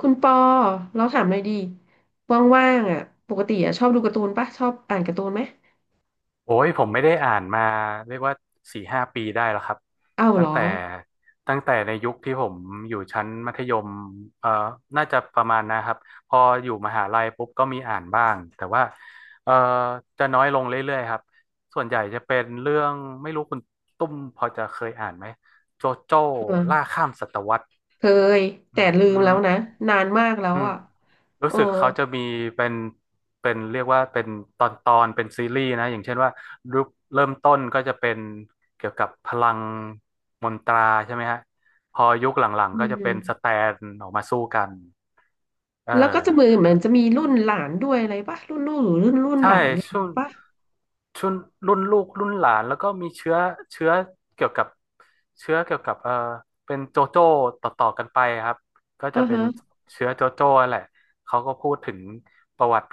คุณปอเราถามหน่อยดีว่างๆอ่ะปกติอ่ะชอบดูการ์ตูนปะชอบอ่านการ์ตูนไหมโอ้ยผมไม่ได้อ่านมาเรียกว่าสี่ห้าปีได้แล้วครับอ้าวเหตั้รงอแต่ตั้งแต่ในยุคที่ผมอยู่ชั้นมัธยมเอ่อน่าจะประมาณนะครับพออยู่มหาลัยปุ๊บก็มีอ่านบ้างแต่ว่าเอ่อจะน้อยลงเรื่อยๆครับส่วนใหญ่จะเป็นเรื่องไม่รู้คุณตุ้มพอจะเคยอ่านไหมโจโจ้ล่าเออข้ามศตวรรษเคยอืแต่ลืม มแล้วนะนานมากแล้วอืมอ่ะเอรู้อสึกเขาจะมีเป็นเป็นเรียกว่าเป็นตอนเป็นซีรีส์นะอย่างเช่นว่ารูปเริ่มต้นก็จะเป็นเกี่ยวกับพลังมนตราใช่ไหมฮะพอยุคหลังอืๆก็จะเป็นสมแตนออกมาสู้กันเออ แล้วก็จะมือเหมือนจะมีรุ่นหลานด้วยอะไรปะรุ่นลูกหรือรุ่นใช่หลานอะไรอย่าช่งวงงี้ปะช่วงรุ่นลูกรุ่นหลานแล้วก็มีเชื้อเชื้อเกี่ยวกับเชื้อเกี่ยวกับเป็นโจโจ้ต่อกันไปครับก็อ่าจะเป็นฮะเชื้อโจโจ้แหละเขาก็พูดถึงประวัติ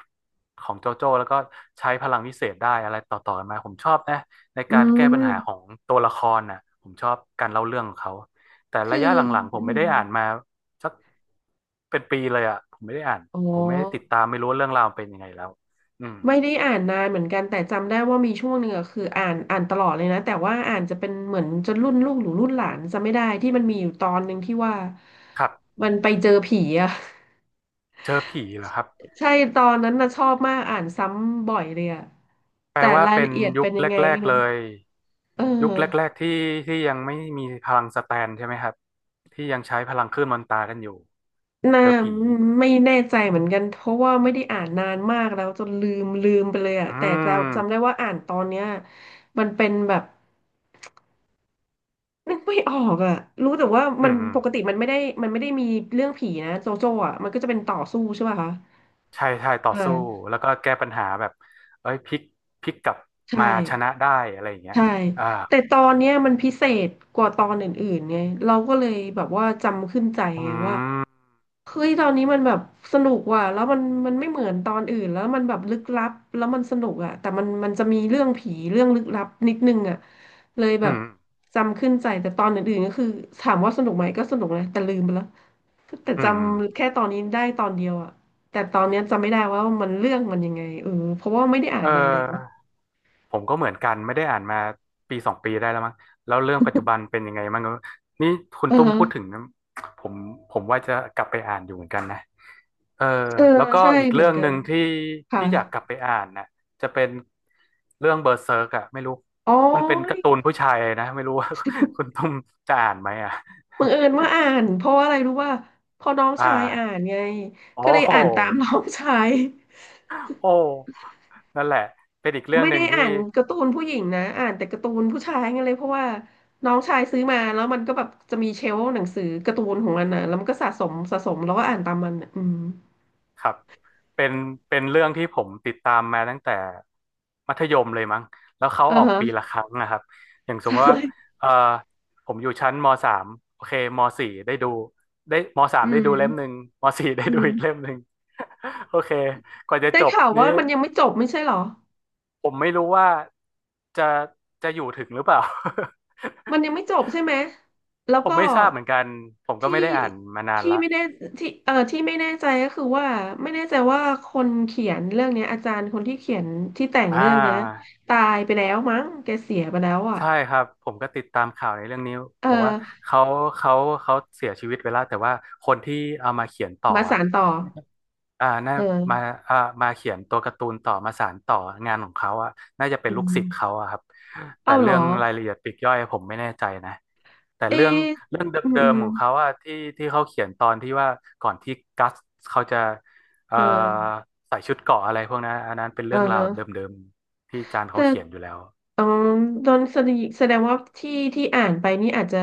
ของโจโจ้แล้วก็ใช้พลังวิเศษได้อะไรต่อกันมาผมชอบนะในอืการแก้ปัญหาของมตัวละครน่ะผมชอบการเล่าเรื่องของเขาแต่คืระอยะหลังๆผอืมไม่มได้อ่านมาสักเป็นปีเลยอ่ะผมไม่ได้อ่านอ๋อ ผมไม่ได้ติดตามไม่รู้ว่าเรื่องราวมันเป็นยังไงแล้วอืม ไม่ได้อ่านนานเหมือนกันแต่จำได้ว่ามีช่วงหนึ่งอะคืออ่านตลอดเลยนะแต่ว่าอ่านจะเป็นเหมือนจนรุ่นลูกหรือรุ่นหลานจำไม่ได้ที่มันมีอยู่ตอนหนึ่งที่ว่าครับมันไปเจอผีอะ เจอผีเหรอครับ ใช่ตอนนั้นนะชอบมากอ่านซ้ำบ่อยเลยอะแปลแต่ว่ารายเป็ละนเอียดยุเป็คนยังไงแรไม่กๆรู้เลยเอยุคแรอกๆที่ที่ยังไม่มีพลังสแตนใช่ไหมครับที่ยังใช้พลังคลื่นมนตรากันอยู่น่าเจอผีไม่แน่ใจเหมือนกันเพราะว่าไม่ได้อ่านนานมากแล้วจนลืมไปเลยอะอืแต่จำมจำได้ว่าอ่านตอนเนี้ยมันเป็นแบบ นึกไม่ออกอ่ะรู้แต่ว่าอืมันมอืมปกติมันไม่ได้มันไม่ได้มีเรื่องผีนะโจโจ้อ่ะมันก็จะเป็นต่อสู้ใช่ป่ะคะใช่ใช่ต่อสู้อ่าแล้วก็แก้ปัญหาแบบเอ้ยพลิกกลับใช่ มาชนะได้อะไรอย่างเงี้ยใช่อ่าแต่ตอนเนี้ยมันพิเศษกว่าตอนอื่นๆไงเราก็เลยแบบว่าจำขึ้นใจอืไงว่ามเฮ้ยตอนนี้มันแบบสนุกว่ะแล้วมันมันไม่เหมือนตอนอื่นแล้วมันแบบลึกลับแล้วมันสนุกอ่ะแต่มันมันจะมีเรื่องผีเรื่องลึกลับนิดนึงอ่ะเลยอืแบบมจำขึ้นใจแต่ตอนอื่นๆก็คือถามว่าสนุกไหมก็สนุกนะแต่ลืมไปแล้วแต่อืจมอืมำแค่ตอนนี้ได้ตอนเดียวอ่ะแต่ตอนเนี้ยจำไม่ได้ว่ามันเรื่องมันยังไงเออเพราะว่าไม่ได้อ่าเอนนานแล้วอ ผมก็เหมือนกันไม่ได้อ่านมาปีสองปีได้แล้วมั้งแล้วเรื่องปัจจุบันเป็นยังไงมั้งนี่คุณอือตุ้มฮะพูดถึงนะผมผมว่าจะกลับไปอ่านอยู่เหมือนกันนะเออเออแล้วก็ใช่อีกเหมืเรื่อนองกัหน นึ่งที่ค่ะที่อยากกลับไปอ่านนะจะเป็นเรื่องเบอร์เซิร์กอะไม่รู้อ๋อมันเป็นการ์ตูนผู้ชายนะไม่รู้ว่า คุณตุ้มจะอ่านไหมอะ บังเอิญว่าอ่านเพราะว่าอะไรรู้ว่าพอน้อง อ่าชายอ่านไงโอ้ก็เลยโหอ่านตามน้องชายโอ้นั่นแหละเป็นอีกเรื่องไม่หนึ่ได้งอ่าที่ นการ์ตูนผู้หญิงนะอ่านแต่การ์ตูนผู้ชายไงเลยเพราะว่าน้องชายซื้อมาแล้วมันก็แบบจะมีเชลฟ์หนังสือการ์ตูนของมันนะแล้วมันก็สะสมแล้วก็อ่านตามมันน่ะอืมครับเป็นเป็นเรื่องที่ผมติดตามมาตั้งแต่มัธยมเลยมั้งแล้วเขาอ่าออกฮะ ปีละครั้งนะครับอย่าง สใชมมติว่า่เออผมอยู่ชั้นมสามโอเคมสี่ได้ดูได้มสามอืได้ดูเล่มหนึ่มงมสี่ได้อืดูอีกมเล่มหนึ่ง โอเคกว่าจะได้จบข่าวนี้ว่ามันยังไม่จบไม่ใช่เหรอ ผมไม่รู้ว่าจะจะอยู่ถึงหรือเปล่า มันยังไม่จบใช่ไหม แล้ว ผมก็ไม่ทราบเหมือนกันผมก็ที่ไม่ได้อ่านมานานพี่ละไม่ได้ที่ที่ไม่แน่ใจก็คือว่าไม่แน่ใจว่าคนเขียนเรื่องเนี้ยอาจารย์คนที่เขียนที่แต่งอ่า เรื่องเนี้ยตายไปแล้วมั้งแกเสียไปแล้วอ่ะใช่ครับผมก็ติดตามข่าวในเรื่องนี้เอบอกว่าอเขาเขาเขาเสียชีวิตไปแล้วแต่ว่าคนที่เอามาเขียนต่อมาอ่ะสานต่ออ่าน่ามาเอออ่ามาเขียนตัวการ์ตูนต่อมาสานต่องานของเขาอ่ะน่าจะเป็นอืลูกศิษย์มเขาอ่ะครับแต่เอ้าเหรเรื่อองรายละเอียดปลีกย่อยผมไม่แน่ใจนะแต่เอะเรื่องเรื่องเดอืมิอืมมๆของเขาอ่ะที่เขาเขียนตอนที่ว่าก่อนที่กัสเขาจะเอ่เอออใส่ชุดเกราะอะไรพวกนั้นอันนั้นเป็นเอเรื่องราวเดอ ิมๆที่จานแต่เขาเขียนอยู่แล้วอ๋อโดนแสดงว่าที่อ่านไปนี่อาจจะ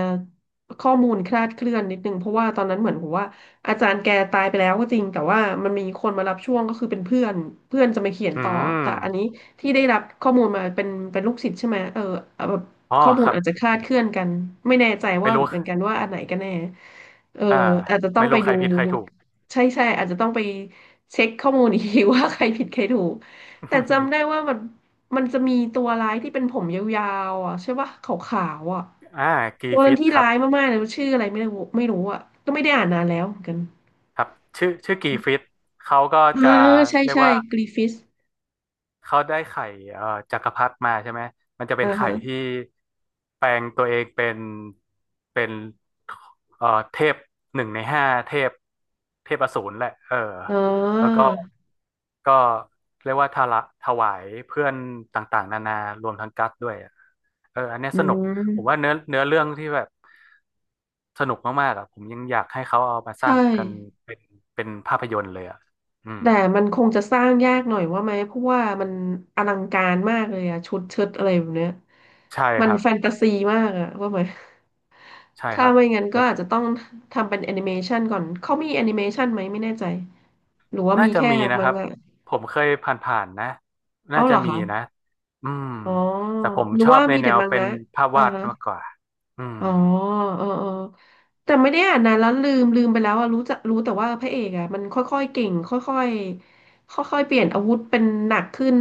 ข้อมูลคลาดเคลื่อนนิดนึงเพราะว่าตอนนั้นเหมือนผมว่าอาจารย์แกตายไปแล้วก็จริงแต่ว่ามันมีคนมารับช่วงก็คือเป็นเพื่อนเพื่อนจะมาเขียนอืต่อแต่อันม นี้ที่ได้รับข้อมูลมาเป็นลูกศิษย์ใช่ไหมเออแบบอ๋อข้อมูคลรับอาจจะคลาดเคลื่อนกันไม่แน่ใจไม่ว่ารู้เหมือนกันว่าอันไหนกันแน่เอออ่าอาจจะต้อไม่งไปรู้ใครดูผิดใครถูก ใช่ใช่อาจจะต้องไปเช็คข้อมูลอีกที ว่าใครผิดใครถูกแต่จำได้ว่า มัน มันจะมีตัวร้ายที่เป็นผมยาวๆอ่ะใช่ปะขาวๆอ่ะอ่ากีตัวนั้ฟินตที่ครัร้าบยมากๆเลยชื่ออะไรไม่รู้อ่ะก็ไม่ได้อ่านนานแล้วเหมือนกันครับชื่อกีฟิตเขาก็จะอ่าใช่เรียกใช่ว่า กรีฟิสเขาได้ไข่เอ่อจักรพรรดิมาใช่ไหม มันจะเป็อ่านไข่ฮะที่แปลงตัวเองเป็นเป็นเทพหนึ่งในห้าเทพเทพอสูรแหละเอออ๋อแล้วก็ก็เรียกว่าทาระถวายเพื่อนต่างๆนานารวมทั้งกัสด้วยอะเอออันเนี้ยอืสนุกผมว่ามเนื้อเรื่องที่แบบสนุกมากๆอ่ะผมยังอยากให้เขาเอามาสใช่ ร้างกันเป็นเป็นภาพยนตร์เลยอ่ะอืมแต่มันคงจะสร้างยากหน่อยว่าไหมเพราะว่ามันอลังการมากเลยอะชุดเชิดอะไรแบบเนี้ยใช่มัคนรับแฟนตาซีมากอะว่าไหมใช่คถ้ารับไม่งั้นก็แล้ว อาจจะต้องทำเป็นแอนิเมชันก่อนเขามีแอนิเมชันไหมไม่แน่ใจหรือว่าน่ามีจะแค่มีนะมัคงรับงะผมเคยผ่านๆนะเอ้าน่าเหจะรอมีคะนะอืมอ๋อแต่ผมหรือชอว่าบในมีแนแต่วมังเป็นงะภาพอ่าวาดฮะ มากกว่าอืมอ๋อเออแต่ไม่ได้อ่านนานแล้วลืมไปแล้วอะรู้จักรู้แต่ว่าพระเอกอะมันค่อยๆเก่งค่อยๆค่อยๆเปลี่ยนอาวุธเป็นหนักขึ้น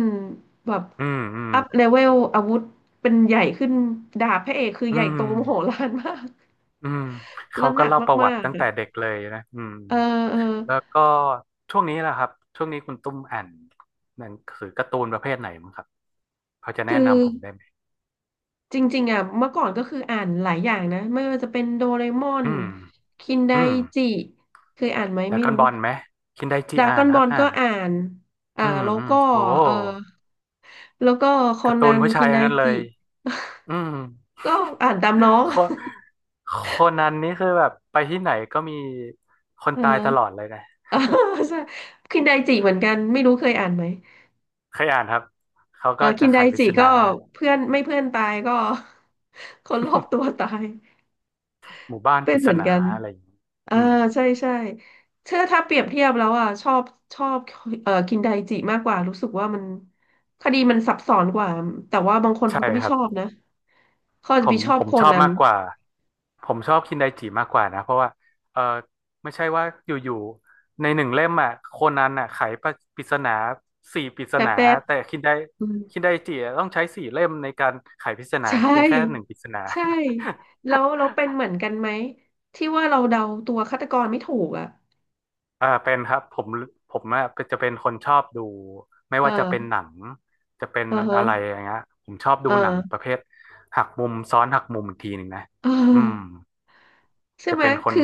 แบบอืมอืมอัพเลเวลอาวุธเป็นใหญ่ขึ้นดาบพระเอกคืออืใหญ่โตมมโหฬารมาก อืมแล้เขาวหก็นักเล่าประวัมาติกตั้งๆแต่อะเด็กเลยนะอืมเออเออแล้วก็ช่วงนี้แหละครับช่วงนี้คุณตุ้มอ่านหนังสือการ์ตูนประเภทไหนมั้งครับพอจะแนะคือนำผมได้ไหมจริงๆอะเมื่อก่อนก็คืออ่านหลายอย่างนะไม่ว่าจะเป็นโดเรมอนอืมคินไดอืมจิเคยอ่านไหมแต่ไม่กอนรู้ บอลไหมคินไดจิดราอ่าก้อนนคบอรับลอ่าก็นอ่านอ่าอืมแล้วอืมก็โอ้เออแล้วก็คอการ์ตูนันนผู้ชาคิยนไดทั้งนั้นเลจิยอืม ก็อ่านตามน้องโคนันนี่คือแบบไปที่ไหนก็มีคนเออ ตายตลอดเลยนะ เออใช่คินไดจิเหมือนกันไม่รู้เคยอ่านไหมเคยอ่านครับเขาเออก็คิจะนไดไขปริจิศก็นาเพื่อนไม่เพื่อนตายก็ คนรอบตัวตายหมู่บ้านเป็ปนริเหศมือนนากันอะไรอย่างนี้เอออืมใช่ใช่เชื่อถ้าเปรียบเทียบแล้วอ่ะชอบเออคินไดจิมากกว่ารู้สึกว่ามันคดีมันซับซ้อนกว่าแต่ว่าบางคนใช่เขาก็ไม่ครัชบอบนะเขาอาจผจะไปมชอผบมโคชอบนัน มากกว่าผมชอบคินไดจิมากกว่านะเพราะว่าเออไม่ใช่ว่าอยู่ๆใน1 เล่มอ่ะโคนันอ่ะไขปริศนาสี่ปริศแป๊บนาแป๊บแต่อืมคินไดจิอะต้องใช้4 เล่มในการไขปริศนาใชเพียงแค่หนึ่ง่ปริศนา ใช่แล้วเราเป็นเหมือนกันไหมที่ว่าเราเดาตัวฆาตกรไม่ถูกอ่ะเออเป็นครับผมผมอะจะเป็นคนชอบดูไม่ว่าจะเป็นเออหนังจะเป็นเออฮะอะไรอย่างเงี้ยผมชอบเดูหนังปออระเภทหักมุมซ้อนหักมุมอีกทีหนึ่งนะเอออืมใช่จะไหมเป็นคนคือ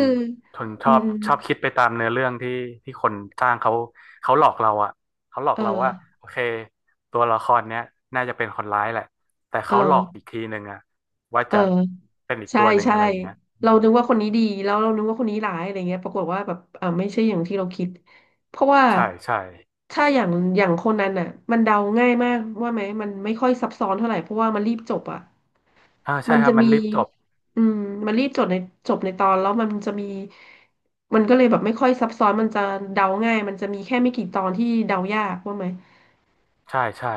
อืมชอบคิดไปตามเนื้อเรื่องที่คนสร้างเขาเขาหลอกเราอะเขาหลอกเราว่าเออโอเคตัวละครเนี้ยน่าจะเป็นคนร้ายแหละแต่เอเขาหลอกอีกอทีหนึ่งอะว่าเออจะเป็นอีกใช่ตัวหนึ่งใช่อะไรอย่างเงี้ยอืเรามนึกว่าคนนี้ดีแล้วเรานึกว่าคนนี้ร้ายอะไรเงี้ยปรากฏว่าแบบเอ่าไม่ใช่อย่างที่เราคิด เพราะว่าใช่ใช่ถ้าอย่างคนนั้นอ่ะมันเดาง่ายมากว่าไหมมันไม่ค่อยซับซ้อนเท่าไหร่เพราะว่ามันรีบจบอ่ะ อ่าใช่มันครัจะบมันมีรีบจบอืมมันรีบจบในตอนแล้วมันจะมี มันก็เลยแบบไม่ค่อยซับซ้อน มันจะเดาง่าย มันจะมีแค่ไม่กี่ตอนที่เดายากว่าไหม ใช่ใช่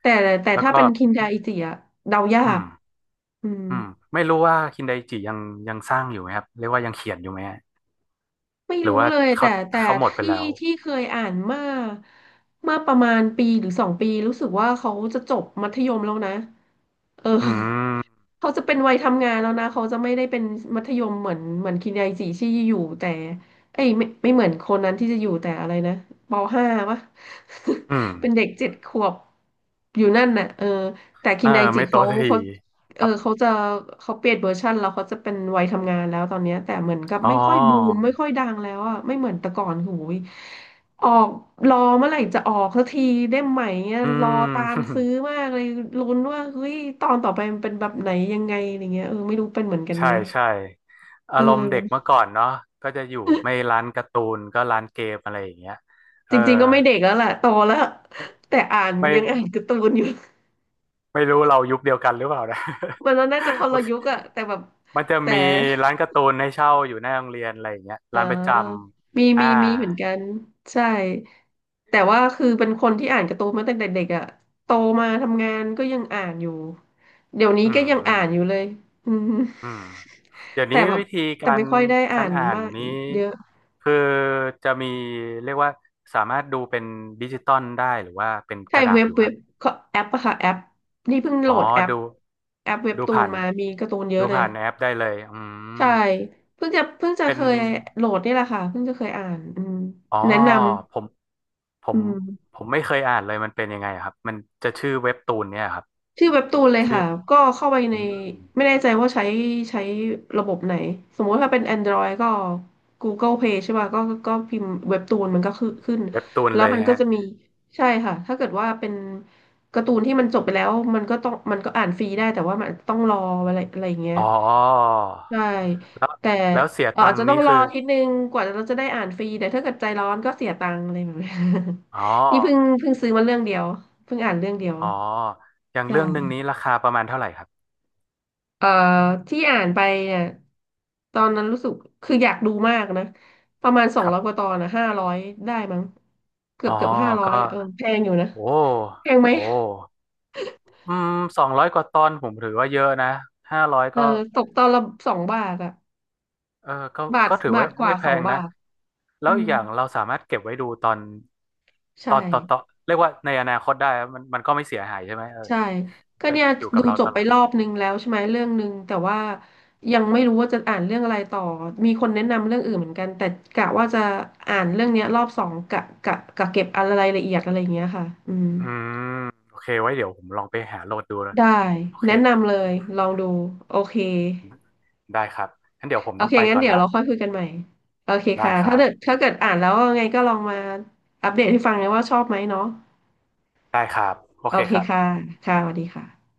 แต่แล้วถ้าก็ เป็นคินดาอิจิอะเดายาอืกมอืม อืมไม่รู้ว่าคินไดจิยังยังสร้างอยู่ไหมครับเรียกว่ายังเขียนอยู่ไหมฮะไม่หรือรู้ว่าเลยเขาแต่เขาหมดไปที่แล้วที่เคยอ่านมาเมื่อประมาณปีหรือ2 ปีรู้สึกว่าเขาจะจบมัธยมแล้วนะเออ อืม เขาจะเป็นวัยทำงานแล้วนะเขาจะไม่ได้เป็นมัธยมเหมือนคินไดจิที่อยู่แต่เอ้ยไม่เหมือนคนนั้นที่จะอยู่แต่อะไรนะปห้าวะ อืม เป็นเด็ก7 ขวบอยู่นั่นน่ะเออแต่คิเอนอไดจิไม่โตเขาสักทีเขา คเออรับเขาเปลี่ยนเวอร์ชันแล้วเขาจะเป็นวัยทำงานแล้วตอนเนี้ยแต่เหมือนกับอ๋ไม่ค่อยบูมอไม่ค่อยดังแล้วอ่ะไม่เหมือนแต่ก่อนโหูยออกรอเมื่อไหร่จะออกสักทีเล่มใหม่เนี่ยอืรอม ตามซื้อ มากเลยลุ้นว่าเฮ้ยตอนต่อไปมันเป็นแบบไหนยังไงอะไรเงี้ยเออไม่รู้เป็นเหมือนกันใช่ไหมใช่อาเอรมณ์เด็กอเมื่อก่อนเนาะก็จะอยู่ไม่ร้านการ์ตูนก็ร้านเกมอะไรอย่างเงี้ยเอจอริงๆก็ไม่เด็กแล้วแหละโตแล้วแต่อ่านไม่ยังอ่านการ์ตูนอยู่ ไม่รู้เรายุคเดียวกันหรือเปล่านะ มันน่าจะค นโอละเคยุคอะแต่แบบมันจะแต่ มีร้านการ์ตูนให้เช่าอยู่หน้าโรงเรียนอะไรอย่างเงี้ยอ่าร้านประจมีำอ่ามีมีเหมือนกัน ใช่ แต่ว่าคือเป็นคนที่อ่านการ์ตูนมาตั้งแต่เด็กอ่ะโตมาทำงานก็ยังอ่านอยู่ เดี๋ยวนี้อืก็มยังอือ่าม นอยู่เลย อืมอืมเดี๋ยวแต่นี้แบบวิธีแต่กาไม่รค่อยได้อ่าการนอ่านมากนี้เยอะคือจะมีเรียกว่าสามารถดูเป็นดิจิตอลได้หรือว่าเป็นกใช่ระดาเว็ษบอยู่คเว็รับบก็แอปอะค่ะแอปนี่เพิ่งโหลอ๋อดแอปดูแอปเว็บดูตูนผ่านมามีการ์ตูนเยอะดูเลย ผ่านแอปได้เลยอืใช่ มเพิ่งจะเป็เคนยโหลดนี่แหละค่ะเพิ่งจะเคยอ่านอืมอ๋อแนะนผมำผอืมม ผมไม่เคยอ่านเลยมันเป็นยังไงอะครับมันจะชื่อเว็บตูนเนี่ยครับชื่อเว็บตูนเลยชื่อค่ะก็เข้าไปอืในมไม่แน่ใจว่าใช้ใช้ระบบไหนสมมติถ้าเป็น Android ก็ Google Play ใช่ป่ะก็พิมพ์เว็บตูนมันก็ขึ้นเว็บตูนแล้วเลยมันก็ฮะจะมีใช่ค่ะถ้าเกิดว่าเป็นการ์ตูนที่มันจบไปแล้วมันก็อ่านฟรีได้แต่ว่ามันต้องรออะไรอะไรอย่างเงี้ยอ๋อใช่แล้วแต่แล้วเสียตัอางจค์จะต้นี้องรอคือทีนึงกว่าเราจะได้อ่านฟรีแต่ถ้าเกิดใจร้อนก็เสียตังค์อะไรแบบนี้ อ๋อ นี่เพิ่งซื้อมาเรื่องเดียวเพิ่งอ่านเรื่องเดียวอ๋ออย่างเรื่องหนึ่งใช่ นี้ราคาประมาณเท่าไหร่ครับเอ่อที่อ่านไปเนี่ยตอนนั้นรู้สึกคืออยากดูมากนะประมาณสอคงรัร้บอยกว่าตอนนะห้าร้อยได้มั้งเกืออ๋บอเกือบห้าร้อก็ยเออแพงอยู่นะโอ้แพงไหมโอ้อืม200 กว่าตอนผมถือว่าเยอะนะ500เออก็ตกตอนละสองบาทอะเออบาทก็ถือบาว่าทกว่าไม่แพสองงนะบาทแล้อืวอีกมอย่างเราสามารถเก็บไว้ดูตอนใช่ต่อเรียกว่าในอนาคตได้อะมันก็ไม่เสียหายใช่ไหมเออใช่ก็ก็เนี่ยอยู่กัดูบเราจตบลไปอดรอบนึงแล้วใช่ไหมเรื่องนึงแต่ว่ายังไม่รู้ว่าจะอ่านเรื่องอะไรต่อมีคนแนะนำเรื่องอื่นเหมือนกันแต่กะว่าจะอ่านเรื่องเนี้ยรอบสองกะเก็บอะไรละเอียดอะไรอย่างเงี้ยค่ะอืม อืมโอเคไว้เดี๋ยวผมลองไปหาโหลดดูนะได้โอเคแนะครับนำเลยลองดูโอเคได้ครับงั้นเดี๋ยวผมโอต้อเคงไปงั้นก่อนเดี๋ยวละเราค่อยคุยกันใหม่โอเคได้ค่ะครัถ้าบเกิดถ้าเกิดอ่านแล้วไงก็ลองมาอัปเดตให้ฟังนะว่าชอบไหมเนาะได้ครับโอโอเคเคครับค่ะค่ะสวัสดีค่ะ